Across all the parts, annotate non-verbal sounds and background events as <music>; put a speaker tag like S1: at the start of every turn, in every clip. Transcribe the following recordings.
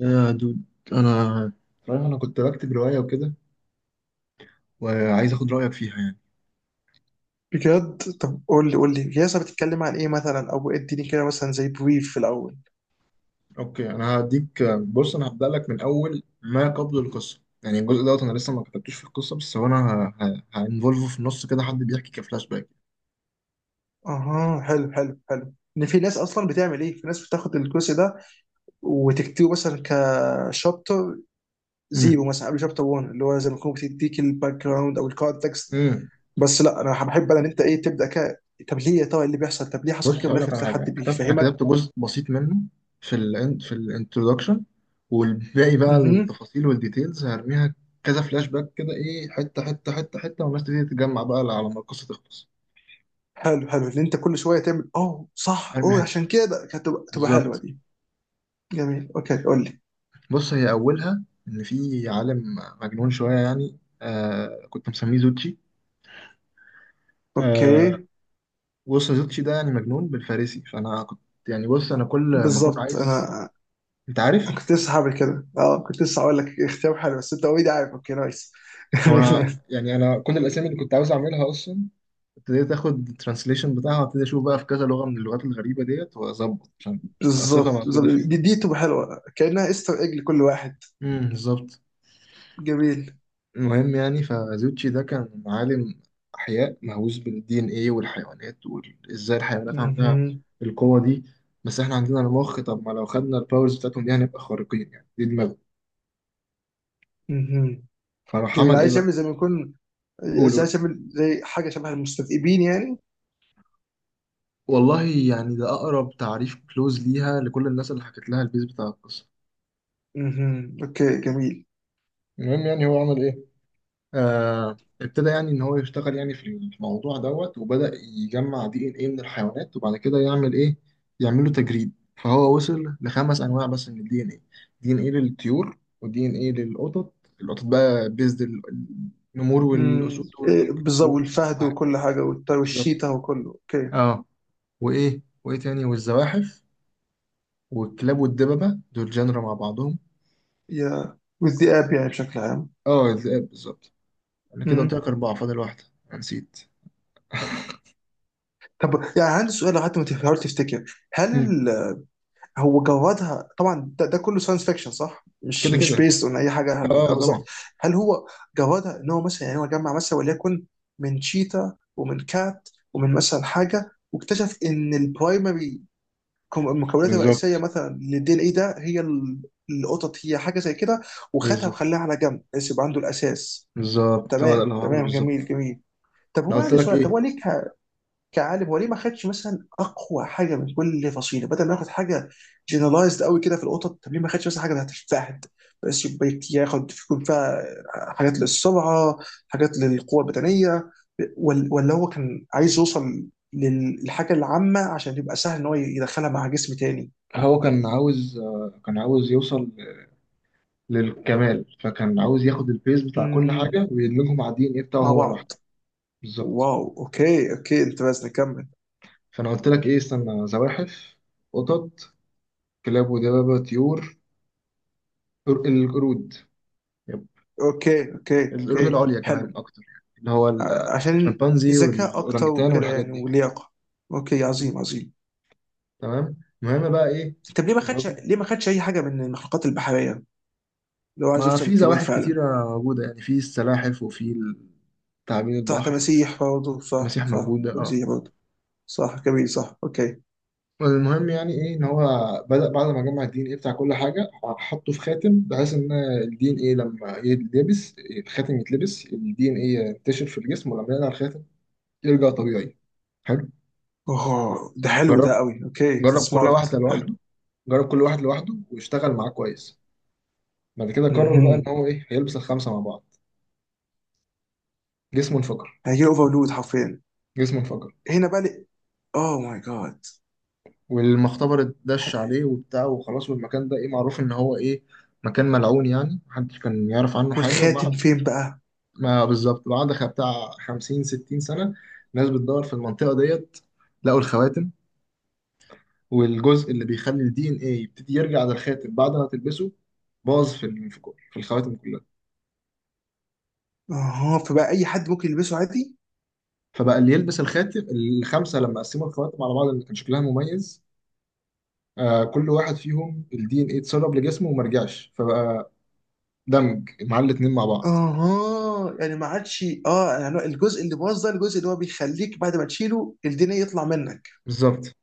S1: يا دود، انا انا كنت بكتب روايه وكده، وعايز اخد رايك فيها يعني.
S2: بجد طب قول لي قول لي ياسر، بتتكلم عن ايه مثلا؟ او اديني كده مثلا زي بريف في الاول.
S1: اوكي، انا هديك، بص انا هبدا لك من اول ما قبل القصه، يعني الجزء دوت انا لسه ما كتبتوش في القصه، بس هو انا هانفولفه في النص كده، حد بيحكي كفلاش باك.
S2: اها، حلو حلو حلو. ان في ناس اصلا بتعمل ايه، في ناس بتاخد الكورس ده وتكتبه مثلا كشابتر زيرو
S1: امم
S2: مثلا قبل شابتر 1، اللي هو زي ما تكون بتديك الباك جراوند او الكونتكست.
S1: امم
S2: بس لا، انا بحب ان انت ايه تبدا كده. طب ليه يا ترى إيه اللي بيحصل؟ طب ليه
S1: بص
S2: حصل كده في
S1: هقول
S2: الاخر
S1: لك على
S2: تلاقي
S1: حاجه،
S2: حد
S1: انا كتبت انا
S2: بيفهمك.
S1: كتبت جزء بسيط منه في ال في الانترودكشن، والباقي بقى
S2: اها،
S1: التفاصيل والديتيلز هرميها كذا فلاش باك كده، ايه، حته حته والناس تبتدي تتجمع بقى على ما القصه تخلص.
S2: حلو حلو ان انت كل شويه تعمل اه صح
S1: هرمي
S2: اوه،
S1: حته،
S2: عشان كده كانت تبقى حلوه
S1: بالظبط.
S2: دي. جميل، اوكي، قول لي.
S1: بص، هي أولها إن في عالم مجنون شوية يعني، كنت مسميه زوتشي. آه
S2: اوكي،
S1: بص، زوتشي ده يعني مجنون بالفارسي، فأنا كنت يعني، بص أنا كل ما كنت
S2: بالظبط.
S1: عايز،
S2: انا
S1: أنت عارف.
S2: أنا كنت لسه هعمل كده. اه، كنت لسه هقول لك اختيار حلو، بس انت اوريدي عارف. اوكي، نايس.
S1: هو أنا
S2: <laughs>
S1: يعني، أنا كل الأسامي اللي كنت عاوز أعملها أصلا ابتديت آخد الترانسليشن بتاعها، وابتدي أشوف بقى في كذا لغة من اللغات الغريبة ديت وأظبط عشان تبقى صفة
S2: بالظبط بالظبط،
S1: موجودة فيه.
S2: دي تبقى حلوه كانها استر ايج لكل واحد.
S1: بالظبط.
S2: جميل.
S1: المهم يعني، فزوتشي ده كان عالم أحياء مهووس بالدي إن إيه والحيوانات، وإزاي الحيوانات عندها
S2: مهم.
S1: القوة دي، بس إحنا عندنا المخ، طب ما لو خدنا الباورز بتاعتهم دي هنبقى خارقين يعني، دي دماغه.
S2: مهم.
S1: فراح
S2: جميل.
S1: عمل إيه
S2: عايز
S1: بقى؟
S2: يعمل زي ما يكون
S1: قول قول.
S2: عايز يعمل زي حاجه شبه المستذئبين يعني.
S1: والله يعني ده أقرب تعريف كلوز ليها لكل الناس اللي حكت لها البيز بتاع القصة.
S2: مهم. اوكي، جميل.
S1: المهم يعني، هو عمل إيه؟ ابتدى يعني ان هو يشتغل يعني في الموضوع دوت، وبدأ يجمع دي ان ايه من الحيوانات، وبعد كده يعمل ايه، يعمل له تجريد. فهو وصل لخمس انواع بس من الدي ان ايه: دي ان ايه للطيور، ودي ان ايه للقطط. القطط بقى بيزد النمور
S2: مم.
S1: والاسود
S2: إيه، بالظبط،
S1: والهنود وكل
S2: والفهد
S1: حاجه،
S2: وكل حاجه
S1: بالظبط.
S2: والشيتا وكله. اوكي.
S1: اه، وايه وايه تاني، والزواحف والكلاب والدببه، دول جنرا مع بعضهم.
S2: يا، والذئاب يعني بشكل عام.
S1: اه الذئاب، بالظبط. انا كده قلت
S2: مم.
S1: لك اربعه، فاضل واحده. أنا نسيت.
S2: طب يعني عندي سؤال، لو حتى ما تحاول تفتكر،
S1: مم.
S2: هل هو جودها طبعا ده كله ساينس فيكشن صح؟ مش
S1: كده
S2: مش
S1: كده.
S2: بيست اون اي حاجه؟
S1: اه،
S2: آه، بالظبط.
S1: طبعا.
S2: هل هو جودها ان هو مثلا، يعني هو جمع مثلا وليكن من شيتا ومن كات ومن مثلا حاجه، واكتشف ان البرايمري المكونات
S1: بالظبط
S2: الرئيسيه مثلا للدي ان اي ده، هي القطط، هي حاجه زي كده، وخدها
S1: بالظبط
S2: وخلاها على جنب بس يبقى عنده الاساس.
S1: بالظبط، هو ده
S2: تمام
S1: اللي هو عمله
S2: تمام،
S1: بالظبط.
S2: جميل جميل. طب
S1: انا
S2: هو
S1: قلت
S2: عندي
S1: لك
S2: سؤال، طب هو
S1: ايه،
S2: ليه كعالم هو ليه ما خدش مثلا اقوى حاجه من كل فصيله بدل ما ياخد حاجه جنرالايزد قوي كده في القطط؟ طب ليه ما خدش مثلا حاجه بتاعت الفهد بس، يبقى ياخد يكون فيها حاجات للسرعه، حاجات للقوه البدنيه؟ ولا هو كان عايز يوصل للحاجه العامه عشان يبقى سهل ان هو يدخلها مع جسم تاني؟
S1: هو كان عاوز كان عاوز يوصل للكمال، فكان عاوز ياخد البيز بتاع كل
S2: امم
S1: حاجه ويدمجهم مع الدي ان ايه بتاعه
S2: مع
S1: هو لوحده،
S2: بعض.
S1: بالظبط.
S2: واو، اوكي اوكي، انت بس نكمل.
S1: فانا قلت لك ايه، استنى: زواحف، قطط، كلاب ودبابه، طيور، القرود. يب.
S2: اوكي اوكي
S1: القرود
S2: اوكي،
S1: العليا كمان
S2: حلو.
S1: اكتر، يعني اللي هو
S2: عشان
S1: الشمبانزي
S2: ذكاء اكتر
S1: والاورانجتان
S2: وكده
S1: والحاجات
S2: يعني،
S1: دي.
S2: ولياقه. اوكي،
S1: مم.
S2: عظيم عظيم.
S1: تمام. المهم بقى ايه،
S2: طب ليه ما خدش،
S1: الراجل،
S2: اي حاجه من المخلوقات البحريه؟ لو عايز
S1: ما
S2: يوصل
S1: في
S2: للكمال
S1: زواحف
S2: فعلا؟
S1: كتيرة موجودة يعني، في السلاحف وفي تعابين
S2: صح،
S1: البحر.
S2: تماسيح برضه، صح
S1: المسيح
S2: صح،
S1: موجودة، اه.
S2: تماسيح برضه. صح، جميل، صح، اوكي.
S1: المهم يعني ايه، ان هو بدأ بعد ما جمع الدي ان ايه بتاع كل حاجة، حطه في خاتم، بحيث ان الدي ان ايه لما يتلبس الخاتم يتلبس، الدي ان ايه ينتشر في الجسم، ولما يقلع الخاتم يرجع طبيعي. حلو.
S2: اوه، ده حلو، ده
S1: جرب،
S2: قوي. اوكي،
S1: جرب كل
S2: سمارت،
S1: واحدة
S2: حلو.
S1: لوحده، جرب كل واحد لوحده واشتغل معاه كويس. بعد كده قرر بقى ان
S2: امم
S1: هو ايه، هيلبس الخمسة مع بعض. جسمه انفجر.
S2: هيجي اوفرلود حرفيا
S1: جسمه انفجر.
S2: هنا بقى لي. اوه ماي جاد.
S1: والمختبر اتدش عليه وبتاع وخلاص، والمكان ده ايه، معروف ان هو ايه، مكان ملعون يعني، محدش كان يعرف عنه حاجة.
S2: والخاتم
S1: وبعد
S2: فين بقى؟
S1: ما بالظبط، بعد بتاع خمسين 60 سنة، ناس بتدور في المنطقة ديت لقوا الخواتم. والجزء اللي بيخلي الدي ان ايه يبتدي يرجع للخاتم بعد ما تلبسه باظ في ال- في كل- في الخواتم كلها.
S2: اها، فبقى اي حد ممكن يلبسه عادي.
S1: فبقى اللي يلبس الخاتم الخمسة، لما قسموا الخواتم على بعض اللي كان شكلها مميز، كل واحد فيهم الدي ان ايه اتسرب لجسمه وما رجعش، فبقى دمج مع الاتنين مع بعض،
S2: اها يعني ما عادش، يعني الجزء اللي باظ ده الجزء اللي هو بيخليك بعد ما تشيله الدنيا يطلع منك.
S1: بالظبط.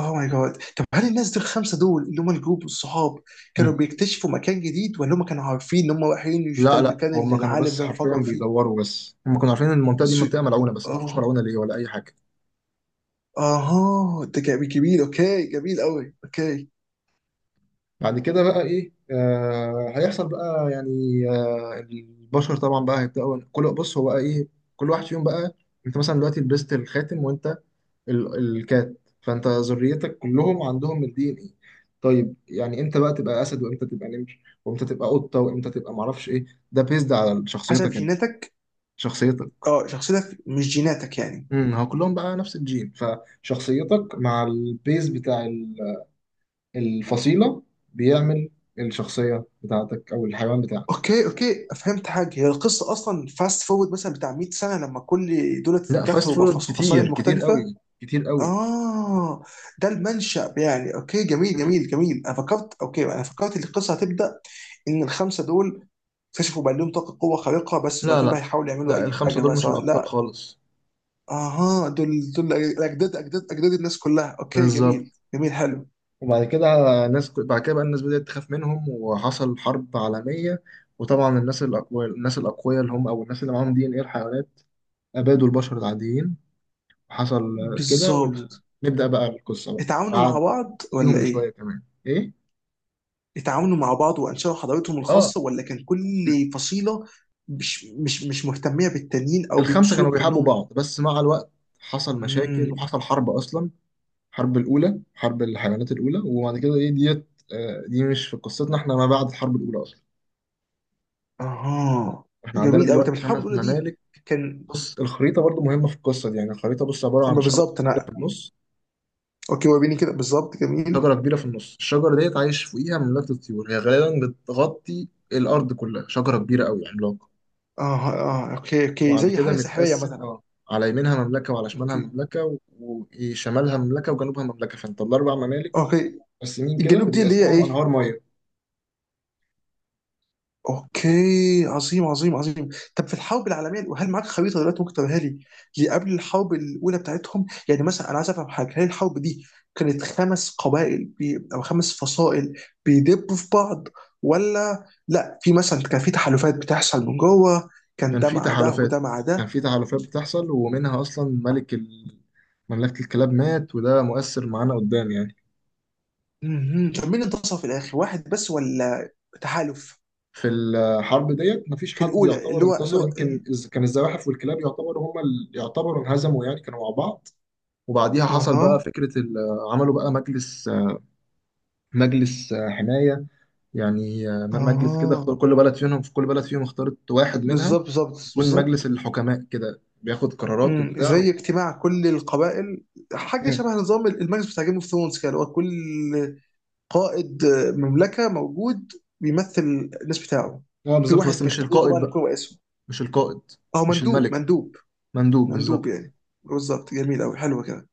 S2: اوه ماي جاد. طب هل الناس دول الخمسه دول اللي هم الجروب والصحاب، كانوا
S1: مم.
S2: بيكتشفوا مكان جديد، ولا هم كانوا عارفين ان هم رايحين مش ده
S1: لا لا،
S2: المكان اللي
S1: هم كانوا
S2: العالم
S1: بس
S2: ده
S1: حرفيا
S2: انفجر فيه؟
S1: بيدوروا، بس هم كانوا عارفين ان المنطقه دي
S2: سو...
S1: منطقه ملعونه، بس ما
S2: اه.
S1: يعرفوش ملعونه ليه ولا اي حاجه.
S2: اها، ده جميل جميل، اوكي، جميل قوي، اوكي.
S1: بعد كده بقى ايه، هيحصل بقى يعني، البشر طبعا بقى هيبداوا كل، بص هو بقى ايه، كل واحد فيهم بقى، انت مثلا دلوقتي لبست الخاتم وانت الكات، فانت ذريتك كلهم عندهم الدي ان ايه. طيب يعني امتى بقى تبقى اسد، وامتى تبقى نمر، وامتى تبقى قطه، وامتى تبقى معرفش ايه، ده بيزد على
S2: حسب
S1: شخصيتك انت،
S2: جيناتك.
S1: شخصيتك.
S2: اه شخصيتك مش جيناتك يعني.
S1: هو كلهم بقى نفس الجين، فشخصيتك مع البيز بتاع الفصيلة بيعمل الشخصية بتاعتك أو الحيوان بتاعك.
S2: اوكي اوكي، فهمت حاجه. هي القصه اصلا فاست فورورد مثلا بتاع 100 سنه لما كل دول
S1: لا فاست
S2: اتكاثروا
S1: فورورد كتير
S2: بفصائل
S1: كتير
S2: مختلفه؟
S1: قوي، كتير قوي.
S2: آه، ده المنشأ يعني. أوكي، جميل
S1: مم.
S2: جميل جميل. أنا فكرت أوكي، أنا فكرت إن القصة هتبدأ إن الخمسة دول اكتشفوا بقى لهم طاقة قوة خارقة بس،
S1: لا
S2: وبعدين بقى
S1: لا
S2: يحاولوا يعملوا
S1: لا
S2: أي
S1: الخمسة
S2: حاجة بقى،
S1: دول مش
S2: سواء،
S1: الأبطال
S2: لا.
S1: خالص،
S2: أها، دول أجداد أجداد أجداد الناس كلها. أوكي جميل
S1: بالظبط.
S2: جميل حلو.
S1: وبعد كده الناس، بعد كده بقى الناس بدأت تخاف منهم وحصل حرب عالمية. وطبعا الناس الأقوياء، الناس الأقوياء اللي هم أو الناس اللي معاهم دي إن إيه الحيوانات، أبادوا البشر العاديين. حصل كده،
S2: بالظبط.
S1: ونبدأ بقى القصة بقى
S2: اتعاونوا مع
S1: بعد
S2: بعض ولا
S1: ليهم
S2: إيه؟
S1: بشويه كمان، ايه.
S2: اتعاونوا مع بعض وأنشأوا حضارتهم
S1: اه،
S2: الخاصة، ولا كان كل فصيلة مش مهتمية بالتانيين، أو
S1: الخمسه
S2: بيبصوا
S1: كانوا
S2: لهم
S1: بيحبوا
S2: كأنهم؟
S1: بعض، بس مع الوقت حصل مشاكل
S2: مم.
S1: وحصل حرب اصلا، الحرب الاولى، حرب الحيوانات الاولى. وبعد كده ايه ديت، دي مش في قصتنا، احنا ما بعد الحرب الاولى اصلا،
S2: اها،
S1: احنا عندنا
S2: جميل قوي. طب
S1: دلوقتي
S2: الحرب
S1: خمس
S2: الاولى دي
S1: ممالك.
S2: كان؟
S1: بص، الخريطه برضو مهمه في القصه دي، يعني الخريطه بص عباره عن
S2: أما
S1: شجره
S2: بالظبط
S1: كبيره
S2: انا.
S1: في النص،
S2: اوكي، وريني كده بالظبط. جميل.
S1: شجره كبيره في النص. الشجره ديت عايش فوقيها مملكه الطيور، هي غالبا بتغطي الارض كلها، شجره كبيره قوي عملاقه.
S2: اه اه، اوكي اوكي،
S1: وبعد
S2: زي
S1: كده
S2: حاجه سحريه
S1: متقسم،
S2: مثلا؟
S1: اه، على يمينها مملكة وعلى شمالها
S2: اوكي
S1: مملكة، و- وشمالها مملكة وجنوبها مملكة، فانت الأربع ممالك
S2: اوكي.
S1: متقسمين كده،
S2: الجنوب دي اللي هي
S1: وبيقسمهم
S2: ايه؟
S1: أنهار مية.
S2: اوكي، عظيم عظيم عظيم. طب في الحرب العالميه، هل معاك خريطه دلوقتي ممكن توريها لي لقبل الحرب الاولى بتاعتهم؟ يعني مثلا انا عايز افهم حاجه، هل الحرب دي كانت خمس قبائل او خمس فصائل بيدبوا في بعض، ولا لا، في مثلا كان في تحالفات بتحصل من جوه، كان
S1: كان
S2: ده
S1: في
S2: مع ده
S1: تحالفات،
S2: وده مع
S1: كان
S2: ده؟
S1: في تحالفات بتحصل، ومنها أصلا ملك ال... مملكة الكلاب مات، وده مؤثر معانا قدام يعني.
S2: مهم. طب مين انتصر في الاخر، واحد بس ولا تحالف؟
S1: في الحرب ديت مفيش
S2: في
S1: حد
S2: الاولى،
S1: يعتبر
S2: اللي هو اللي
S1: انتصر،
S2: هو
S1: يمكن إز... كان الزواحف والكلاب يعتبروا هما اللي يعتبروا انهزموا يعني، كانوا مع بعض. وبعديها حصل بقى
S2: اها
S1: فكرة ال... عملوا بقى مجلس، مجلس حماية، يعني مجلس كده
S2: اها،
S1: اختار كل بلد فيهم، في كل بلد فيهم اختارت واحد منها
S2: بالظبط بالظبط
S1: يكون مجلس
S2: بالظبط.
S1: الحكماء كده، بياخد قرارات
S2: مم.
S1: وبتاع.
S2: زي اجتماع كل القبائل، حاجه
S1: مم.
S2: شبه نظام المجلس بتاع جيم اوف ثرونز كده، اللي هو كل قائد مملكه موجود بيمثل الناس بتاعه.
S1: اه
S2: في
S1: بالظبط، بس
S2: واحد
S1: مش
S2: بيختاروه
S1: القائد
S2: طبعا يكون
S1: بقى،
S2: رئيسهم،
S1: مش القائد،
S2: او
S1: مش
S2: مندوب،
S1: الملك،
S2: مندوب
S1: مندوب، بالظبط.
S2: مندوب يعني. بالظبط، جميل قوي، حلو كده.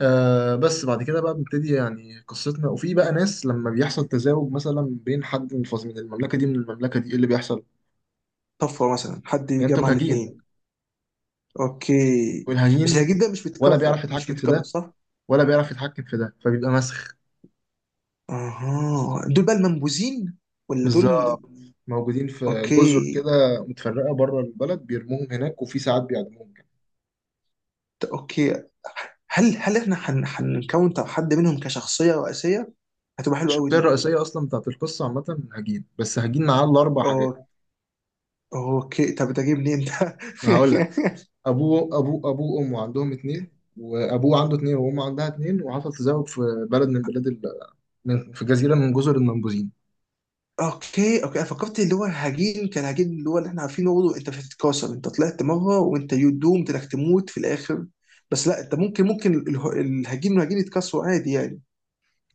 S1: بس بعد كده بقى بنبتدي يعني قصتنا، وفي بقى ناس لما بيحصل تزاوج مثلا بين حد من المملكة دي من المملكة دي، ايه اللي بيحصل؟
S2: طفره مثلا، حد
S1: يعني انتوا
S2: يجمع
S1: كهجين،
S2: الاثنين. اوكي. بس هي
S1: والهجين
S2: جدا مش
S1: ولا
S2: بتكاثر
S1: بيعرف
S2: مش
S1: يتحكم في
S2: بتكاثر،
S1: ده
S2: صح؟
S1: ولا بيعرف يتحكم في ده، فبيبقى مسخ،
S2: اها، دول بقى المنبوذين ولا دول؟
S1: بالظبط. موجودين في جزر
S2: اوكي.
S1: كده متفرقة بره البلد، بيرموهم هناك، وفي ساعات بيعدموهم كمان.
S2: اوكي. هل احنا هنكون، طب حد منهم كشخصيه رئيسيه، هتبقى حلوه قوي
S1: الشخصية
S2: دي.
S1: الرئيسية أصلا بتاعت القصة عامة هجين، بس هجين معاه الأربع حاجات.
S2: أو- اوكي، طب ده جه منين ده؟
S1: ما هقول لك.
S2: <laughs>
S1: أبوه، أبوه وأمه عندهم اتنين، وأبوه عنده اتنين وأمه عندها اتنين، وحصل تزاوج في بلد من بلاد ال... في جزيرة من جزر المنبوذين.
S2: اوكي اوكي، انا فكرت اللي هو هجين كان هجين اللي احنا عارفينه برضه، انت مش هتتكاثر، انت طلعت مره وانت يو دومد انك تموت في الاخر. بس لا، انت ممكن، الهجين والهجين يتكاثروا عادي يعني.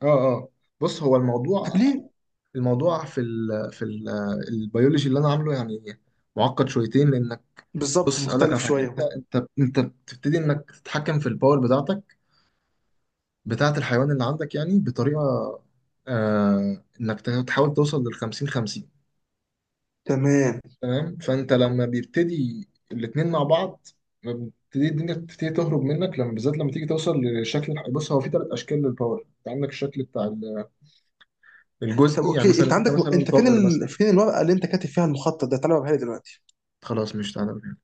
S1: اه اه. بص هو الموضوع،
S2: طب ليه؟
S1: الموضوع في ال... في ال... البيولوجي اللي أنا عامله يعني معقد شويتين، لأن
S2: بالظبط،
S1: بص اقول لك على
S2: مختلف
S1: حاجه،
S2: شويه.
S1: انت بتبتدي انك تتحكم في الباور بتاعتك، بتاعه الحيوان اللي عندك، يعني بطريقه، انك تحاول توصل لل 50 50.
S2: تمام.
S1: تمام. فانت لما بيبتدي الاتنين مع بعض، بتبتدي الدنيا بتبتدي تهرب منك، لما بالذات لما تيجي توصل لشكل بص هو في ثلاث اشكال للباور، انت عندك الشكل بتاع
S2: طب
S1: الجزئي، يعني
S2: اوكي، انت
S1: مثلا انت
S2: عندك
S1: مثلا طائر مثلا.
S2: فين الورقه اللي انت كاتب فيها المخطط ده، تعالى اوريها لي دلوقتي.
S1: خلاص مش تعالى.